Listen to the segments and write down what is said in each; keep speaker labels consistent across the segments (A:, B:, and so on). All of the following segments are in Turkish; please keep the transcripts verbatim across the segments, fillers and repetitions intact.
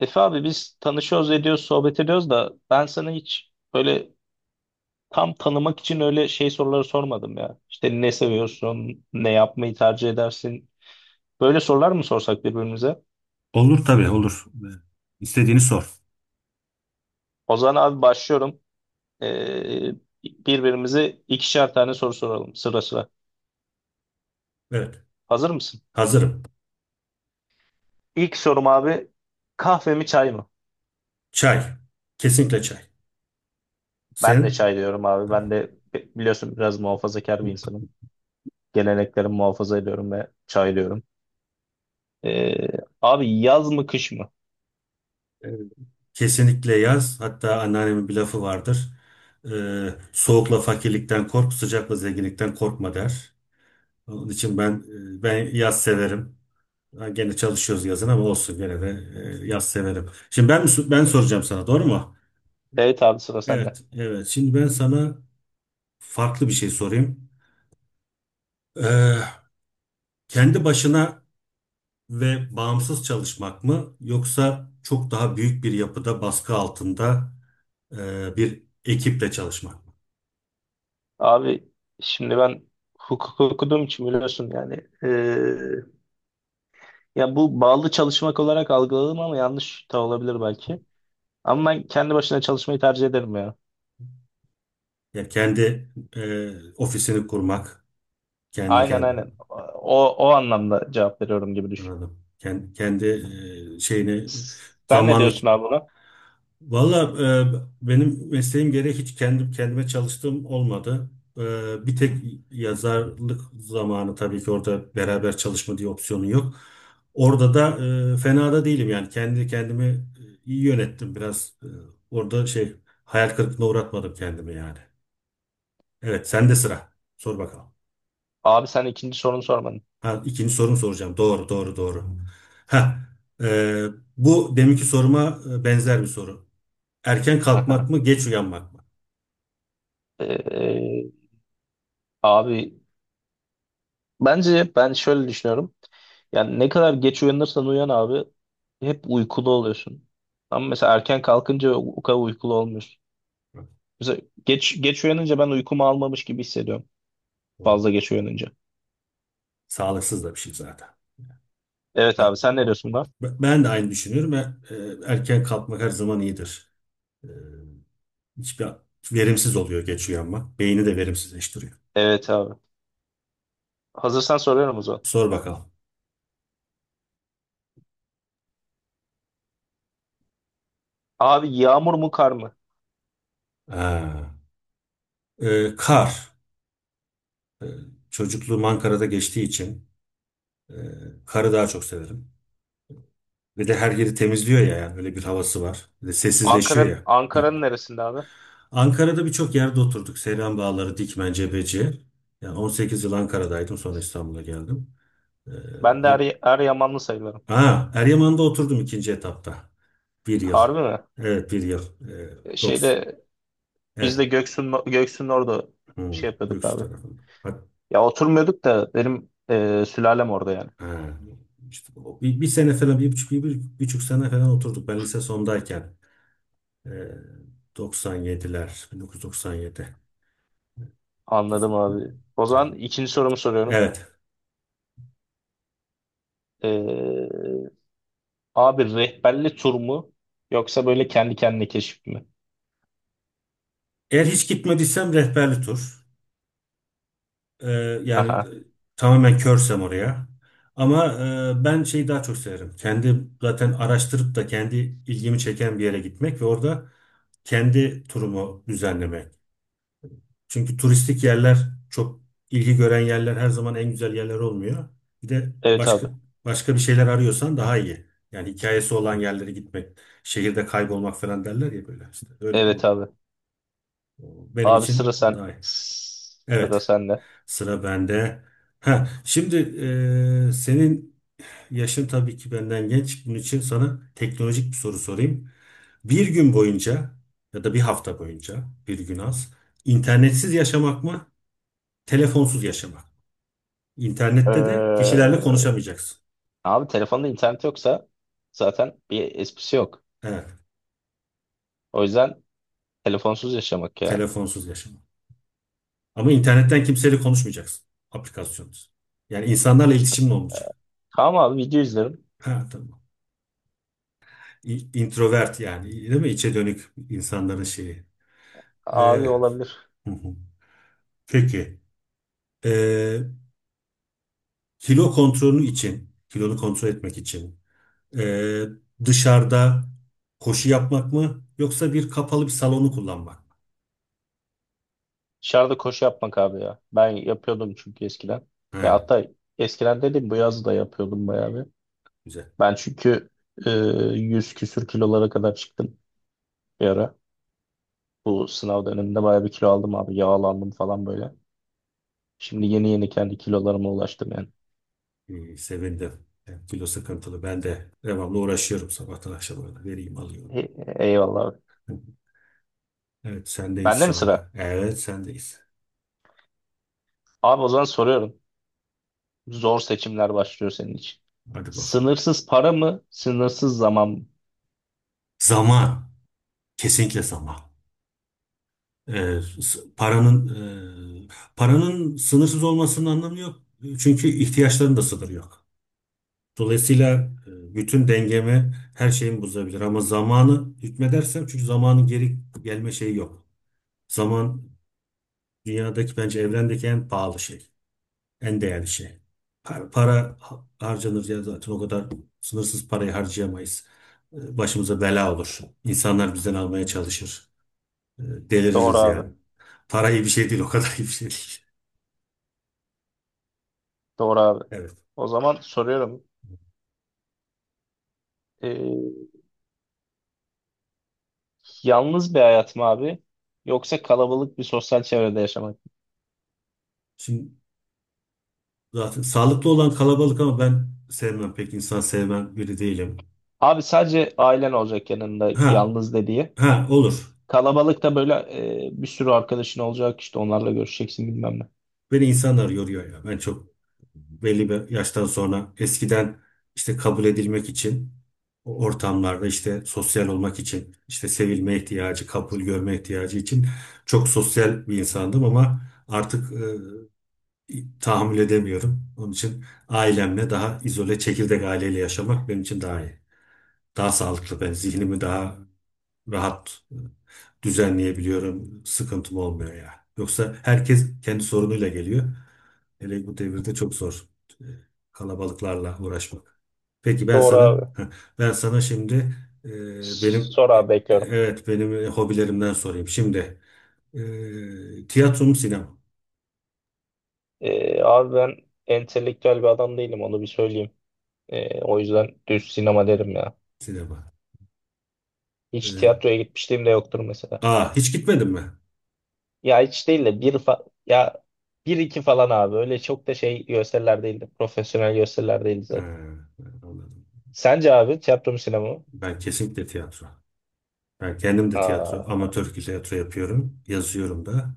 A: Efe abi biz tanışıyoruz, ediyoruz, sohbet ediyoruz da ben sana hiç böyle tam tanımak için öyle şey soruları sormadım ya. İşte ne seviyorsun, ne yapmayı tercih edersin? Böyle sorular mı sorsak birbirimize?
B: Olur tabii olur. İstediğini sor.
A: O zaman abi başlıyorum. Ee, Birbirimize ikişer tane soru soralım sıra sıra.
B: Evet.
A: Hazır mısın?
B: Hazırım.
A: İlk sorum abi, kahve mi çay mı?
B: Çay. Kesinlikle çay.
A: Ben de
B: Sen?
A: çay diyorum abi. Ben de bi- biliyorsun biraz muhafazakar bir insanım. Geleneklerimi muhafaza ediyorum ve çay diyorum. Ee, Abi, yaz mı kış mı?
B: Evet. Kesinlikle yaz. Hatta anneannemin bir lafı vardır. Ee, soğukla fakirlikten kork, sıcakla zenginlikten korkma der. Onun için ben e, ben yaz severim. Ha, gene çalışıyoruz yazın ama olsun gene de e, yaz severim. Şimdi ben mi so- ben soracağım sana doğru mu?
A: Evet abi, sıra sende.
B: Evet, evet. Şimdi ben sana farklı bir şey sorayım. Ee, kendi başına ve bağımsız çalışmak mı yoksa çok daha büyük bir yapıda baskı altında e, bir ekiple çalışmak mı?
A: Abi şimdi ben hukuk okuduğum için biliyorsun yani. eee, Ya bu bağlı çalışmak olarak algıladım ama yanlış da olabilir belki. Ama ben kendi başına çalışmayı tercih ederim ya.
B: Yani kendi e, ofisini kurmak, kendi
A: Aynen
B: kendi
A: aynen. O, o anlamda cevap veriyorum gibi düşün.
B: Anladım. Kendi, kendi e, şeyini
A: Sen ne
B: zamanlı.
A: diyorsun abi buna?
B: Valla e, benim mesleğim gereği hiç kendim kendime çalıştığım olmadı. E, bir tek yazarlık zamanı tabii ki orada beraber çalışma diye opsiyonun yok. Orada da e, fena da değilim yani kendi kendimi e, iyi yönettim biraz. E, orada şey hayal kırıklığına uğratmadım kendimi yani. Evet, sende sıra. Sor bakalım.
A: Abi sen ikinci sorunu sormadın.
B: Ha, ikinci sorumu soracağım. Doğru doğru doğru. Ha, e, bu deminki soruma e, benzer bir soru. Erken
A: Aha,
B: kalkmak mı geç uyanmak mı?
A: abi. Bence ben şöyle düşünüyorum. Yani ne kadar geç uyanırsan uyan abi, hep uykulu oluyorsun. Ama mesela erken kalkınca o kadar uykulu olmuyorsun. Mesela geç geç uyanınca ben uykumu almamış gibi hissediyorum.
B: Doğru.
A: Fazla geç uyanınca.
B: Sağlıksız da bir şey zaten.
A: Evet
B: Ben,
A: abi, sen ne diyorsun buna?
B: ben de aynı düşünüyorum. E, e, Erken kalkmak her zaman iyidir. E, Hiçbir verimsiz oluyor geç uyanmak. Beyni de verimsizleştiriyor.
A: Evet abi. Hazırsan soruyorum o zaman.
B: Sor bakalım.
A: Abi, yağmur mu kar mı?
B: Ha. E, kar. Çocukluğum Ankara'da geçtiği için e, karı daha çok severim. Ve de her yeri temizliyor ya yani öyle bir havası var. Bir de sessizleşiyor
A: Ankara'nın
B: ya.
A: Ankara'nın neresinde abi?
B: Ankara'da birçok yerde oturduk. Seyran Bağları, Dikmen, Cebeci. Yani on sekiz yıl Ankara'daydım, sonra İstanbul'a geldim. E,
A: Ben de
B: o
A: Er, Eryamanlı sayılırım.
B: Ha, Eryaman'da oturdum ikinci etapta. Bir yıl.
A: Harbi mi?
B: Evet, bir yıl. Ee, dokuz.
A: Şeyde biz de
B: Evet.
A: Göksu'nun Göksu'nun orada
B: Hmm,
A: şey yapıyorduk
B: Göksu
A: abi.
B: tarafında. Hat-
A: Ya oturmuyorduk da benim e, sülalem orada yani.
B: Ha, işte o bir, bir sene falan bir buçuk, bir, bir buçuk sene falan oturduk. Ben lise sondayken. Ee, doksan yediler. bin dokuz yüz doksan yedi.
A: Anladım abi. O zaman ikinci sorumu soruyorum.
B: Evet.
A: E, abi, rehberli tur mu yoksa böyle kendi kendine keşif mi?
B: Eğer hiç gitmediysem rehberli tur. Ee, yani
A: Aha.
B: e, tamamen körsem oraya. Ama e, ben şeyi daha çok severim. Kendi zaten araştırıp da kendi ilgimi çeken bir yere gitmek ve orada kendi turumu düzenlemek. Çünkü turistik yerler, çok ilgi gören yerler her zaman en güzel yerler olmuyor. Bir de
A: Evet
B: başka
A: abi.
B: başka bir şeyler arıyorsan daha iyi. Yani hikayesi olan yerlere gitmek, şehirde kaybolmak falan derler ya böyle. İşte öyle
A: Evet
B: o-
A: abi.
B: o- benim
A: Abi sıra
B: için o
A: sen,
B: daha iyi.
A: sıra
B: Evet.
A: sende.
B: Sıra bende. Ha, şimdi e, senin yaşın tabii ki benden genç. Bunun için sana teknolojik bir soru sorayım. Bir gün boyunca ya da bir hafta boyunca bir gün az internetsiz yaşamak mı, telefonsuz yaşamak mı?
A: Ee,
B: İnternette de kişilerle konuşamayacaksın.
A: Abi, telefonda internet yoksa zaten bir esprisi yok.
B: Evet,
A: O yüzden telefonsuz yaşamak ya.
B: telefonsuz yaşamak. Ama internetten kimseyle konuşmayacaksın. Aplikasyonsuz. Yani insanlarla iletişimin olmayacak.
A: Tamam abi, video izlerim.
B: Ha, tamam. İ- Introvert yani değil mi? İçe dönük insanların şeyi. Ee,
A: Abi olabilir.
B: Peki, e, kilo kontrolü için, kilonu kontrol etmek için e, dışarıda koşu yapmak mı yoksa bir kapalı bir salonu kullanmak mı?
A: Dışarıda koşu yapmak abi ya. Ben yapıyordum çünkü eskiden.
B: He,
A: Ya hatta eskiden dedim, bu yaz da yapıyordum bayağı bir.
B: güzel.
A: Ben çünkü e, yüz küsür kilolara kadar çıktım bir ara. Bu sınav döneminde bayağı bir kilo aldım abi. Yağlandım falan böyle. Şimdi yeni yeni kendi kilolarıma ulaştım yani.
B: İyi, sevindim. Yani kilo sıkıntılı. Ben de devamlı uğraşıyorum sabahtan akşama kadar. Vereyim alıyorum.
A: E- eyvallah abi.
B: Evet, sendeyiz
A: Bende mi
B: şu
A: sıra?
B: anda. Evet, sendeyiz.
A: Abi o zaman soruyorum. Zor seçimler başlıyor senin için.
B: Hadi bakalım.
A: Sınırsız para mı? Sınırsız zaman mı?
B: Zaman, kesinlikle zaman. E, s- paranın e, paranın sınırsız olmasının anlamı yok. Çünkü ihtiyaçların da sınırı yok. Dolayısıyla e, bütün dengemi, her şeyimi bozabilir. Ama zamanı hükmedersem, çünkü zamanın geri gelme şeyi yok. Zaman dünyadaki, bence evrendeki en pahalı şey. En değerli şey. Para, para ha- harcanır ya zaten, o kadar sınırsız parayı harcayamayız. E, Başımıza bela olur. İnsanlar bizden almaya çalışır. E,
A: Doğru
B: Deliririz
A: abi.
B: yani. Para iyi bir şey değil, o kadar iyi bir şey değil.
A: Doğru abi.
B: Evet.
A: O zaman soruyorum. E, yalnız bir hayat mı abi? Yoksa kalabalık bir sosyal çevrede yaşamak mı?
B: Şimdi zaten sağlıklı olan kalabalık, ama ben sevmem, pek insan sevmem biri değilim.
A: Abi sadece ailen olacak yanında,
B: Ha,
A: yalnız dediği.
B: ha olur.
A: Kalabalıkta böyle e, bir sürü arkadaşın olacak, işte onlarla görüşeceksin bilmem ne.
B: Beni insanlar yoruyor ya. Ben çok belli bir yaştan sonra, eskiden işte kabul edilmek için, o ortamlarda işte sosyal olmak için, işte sevilme ihtiyacı, kabul görme ihtiyacı için çok sosyal bir insandım, ama artık e, tahammül edemiyorum. Onun için ailemle daha izole, çekirdek aileyle yaşamak benim için daha iyi. Daha sağlıklı, ben zihnimi daha rahat e, düzenleyebiliyorum. Sıkıntım olmuyor ya. Yoksa herkes kendi sorunuyla geliyor. Hele bu devirde çok zor e, kalabalıklarla uğraşmak. Peki ben
A: Doğru
B: sana
A: abi.
B: ben sana şimdi e, benim
A: Sor abi,
B: e,
A: bekliyorum.
B: evet benim e, hobilerimden sorayım. Şimdi e, tiyatro mu sinema mı?
A: E, abi ben entelektüel bir adam değilim, onu bir söyleyeyim. E, o yüzden düz sinema derim ya.
B: Sinema.
A: Hiç
B: E,
A: tiyatroya gitmişliğim de yoktur mesela.
B: aa, hiç gitmedin mi?
A: Ya hiç değil de bir fa- ya bir iki falan abi. Öyle çok da şey gösteriler değildi. Profesyonel gösteriler değildi
B: Ha,
A: zaten.
B: anladım.
A: Sence abi, tiyatro mu sinema mı?
B: Ben kesinlikle tiyatro. Ben kendim de tiyatro,
A: Aa,
B: amatör tiyatro yapıyorum. Yazıyorum da.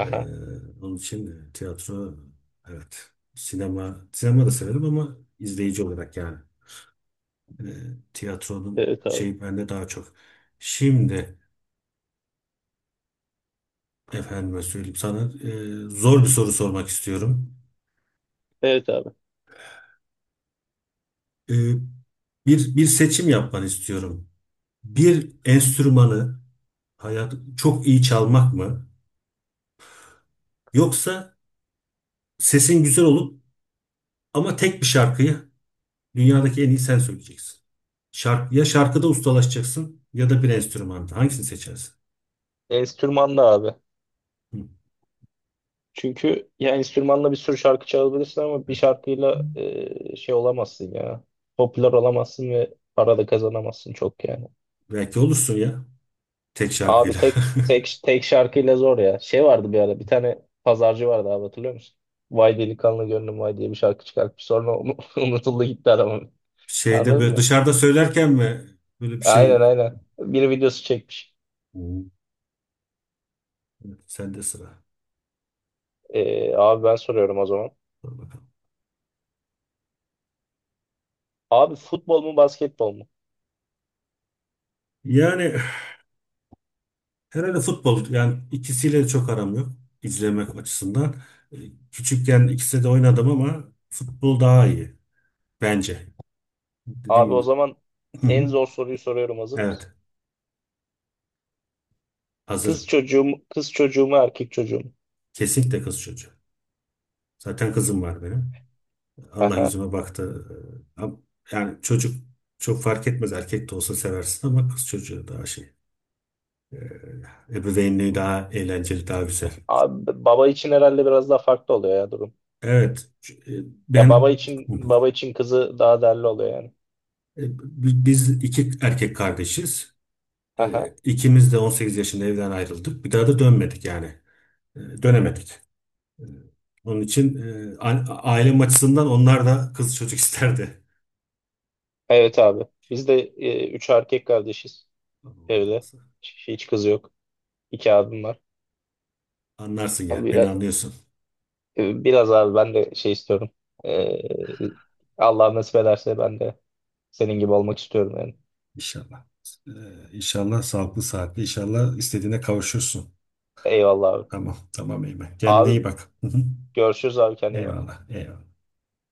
B: Ee, onun için e, tiyatro, evet. Sinema, sinema da severim ama izleyici olarak yani. Ee, tiyatronun
A: Evet abi.
B: şeyi bende daha çok. Şimdi efendime söyleyeyim, sana e, zor bir soru sormak istiyorum.
A: Evet abi.
B: Ee, bir bir seçim yapmanı istiyorum. Bir enstrümanı hayat çok iyi çalmak mı? Yoksa sesin güzel olup ama tek bir şarkıyı dünyadaki en iyi sen söyleyeceksin. Şark, ya şarkıda ustalaşacaksın ya da bir enstrümanda. Hangisini seçersin?
A: Enstrümanlı abi.
B: Hı.
A: Çünkü ya enstrümanla bir sürü şarkı çalabilirsin ama bir şarkıyla e, şey olamazsın ya. Popüler olamazsın ve para da kazanamazsın çok yani.
B: Belki olursun ya, tek
A: Abi
B: şarkıyla.
A: tek tek tek şarkıyla zor ya. Şey vardı bir ara, bir tane pazarcı vardı abi, hatırlıyor musun? Vay delikanlı gönlüm vay diye bir şarkı çıkartmış. Sonra onu- unutuldu gitti adamın.
B: Şeyde,
A: Anladın
B: böyle
A: mı?
B: dışarıda söylerken mi, böyle bir
A: Aynen
B: şey?
A: aynen. Bir videosu çekmiş.
B: Hmm. Evet, sende sıra.
A: E, abi ben soruyorum o zaman.
B: Dur bakalım.
A: Abi, futbol mu basketbol mu?
B: Yani herhalde futbol, yani ikisiyle de çok aram yok izlemek açısından. Ee, Küçükken ikisi de oynadım ama futbol daha iyi bence. Dediğim
A: Abi o
B: gibi.
A: zaman en zor soruyu soruyorum, hazır mısın?
B: Evet,
A: Kız
B: hazırım.
A: çocuğu mu, kız çocuğu mu erkek çocuğu mu?
B: Kesinlikle kız çocuğu. Zaten kızım var benim. Allah
A: Aha.
B: yüzüme baktı. Ee, am- Yani çocuk çok fark etmez. Erkek de olsa seversin, ama kız çocuğu daha şey. e, Ebeveynliği daha eğlenceli, daha güzel.
A: Abi baba için herhalde biraz daha farklı oluyor ya durum.
B: Evet. e,
A: Ya
B: Ben
A: baba için baba için kızı daha değerli oluyor yani.
B: e, bi- biz iki erkek kardeşiz. E,
A: Aha.
B: İkimiz de on sekiz yaşında evden ayrıldık. Bir daha da dönmedik yani. E, Dönemedik. E, Onun için e, a- ailem açısından onlar da kız çocuk isterdi.
A: Evet abi. Biz de e, üç erkek kardeşiz evde. Hiç hiç kız yok. İki abim var.
B: Anlarsın yani. Beni
A: Biraz,
B: anlıyorsun.
A: biraz abi ben de şey istiyorum. E, Allah nasip ederse ben de senin gibi olmak istiyorum yani.
B: İnşallah. Ee, inşallah sağlıklı, saatli. İnşallah istediğine kavuşursun.
A: Eyvallah abi.
B: Tamam. Tamam Eymen. Kendine
A: Abi,
B: iyi bak. Hı hı.
A: görüşürüz abi, kendine iyi bak.
B: Eyvallah. Eyvallah.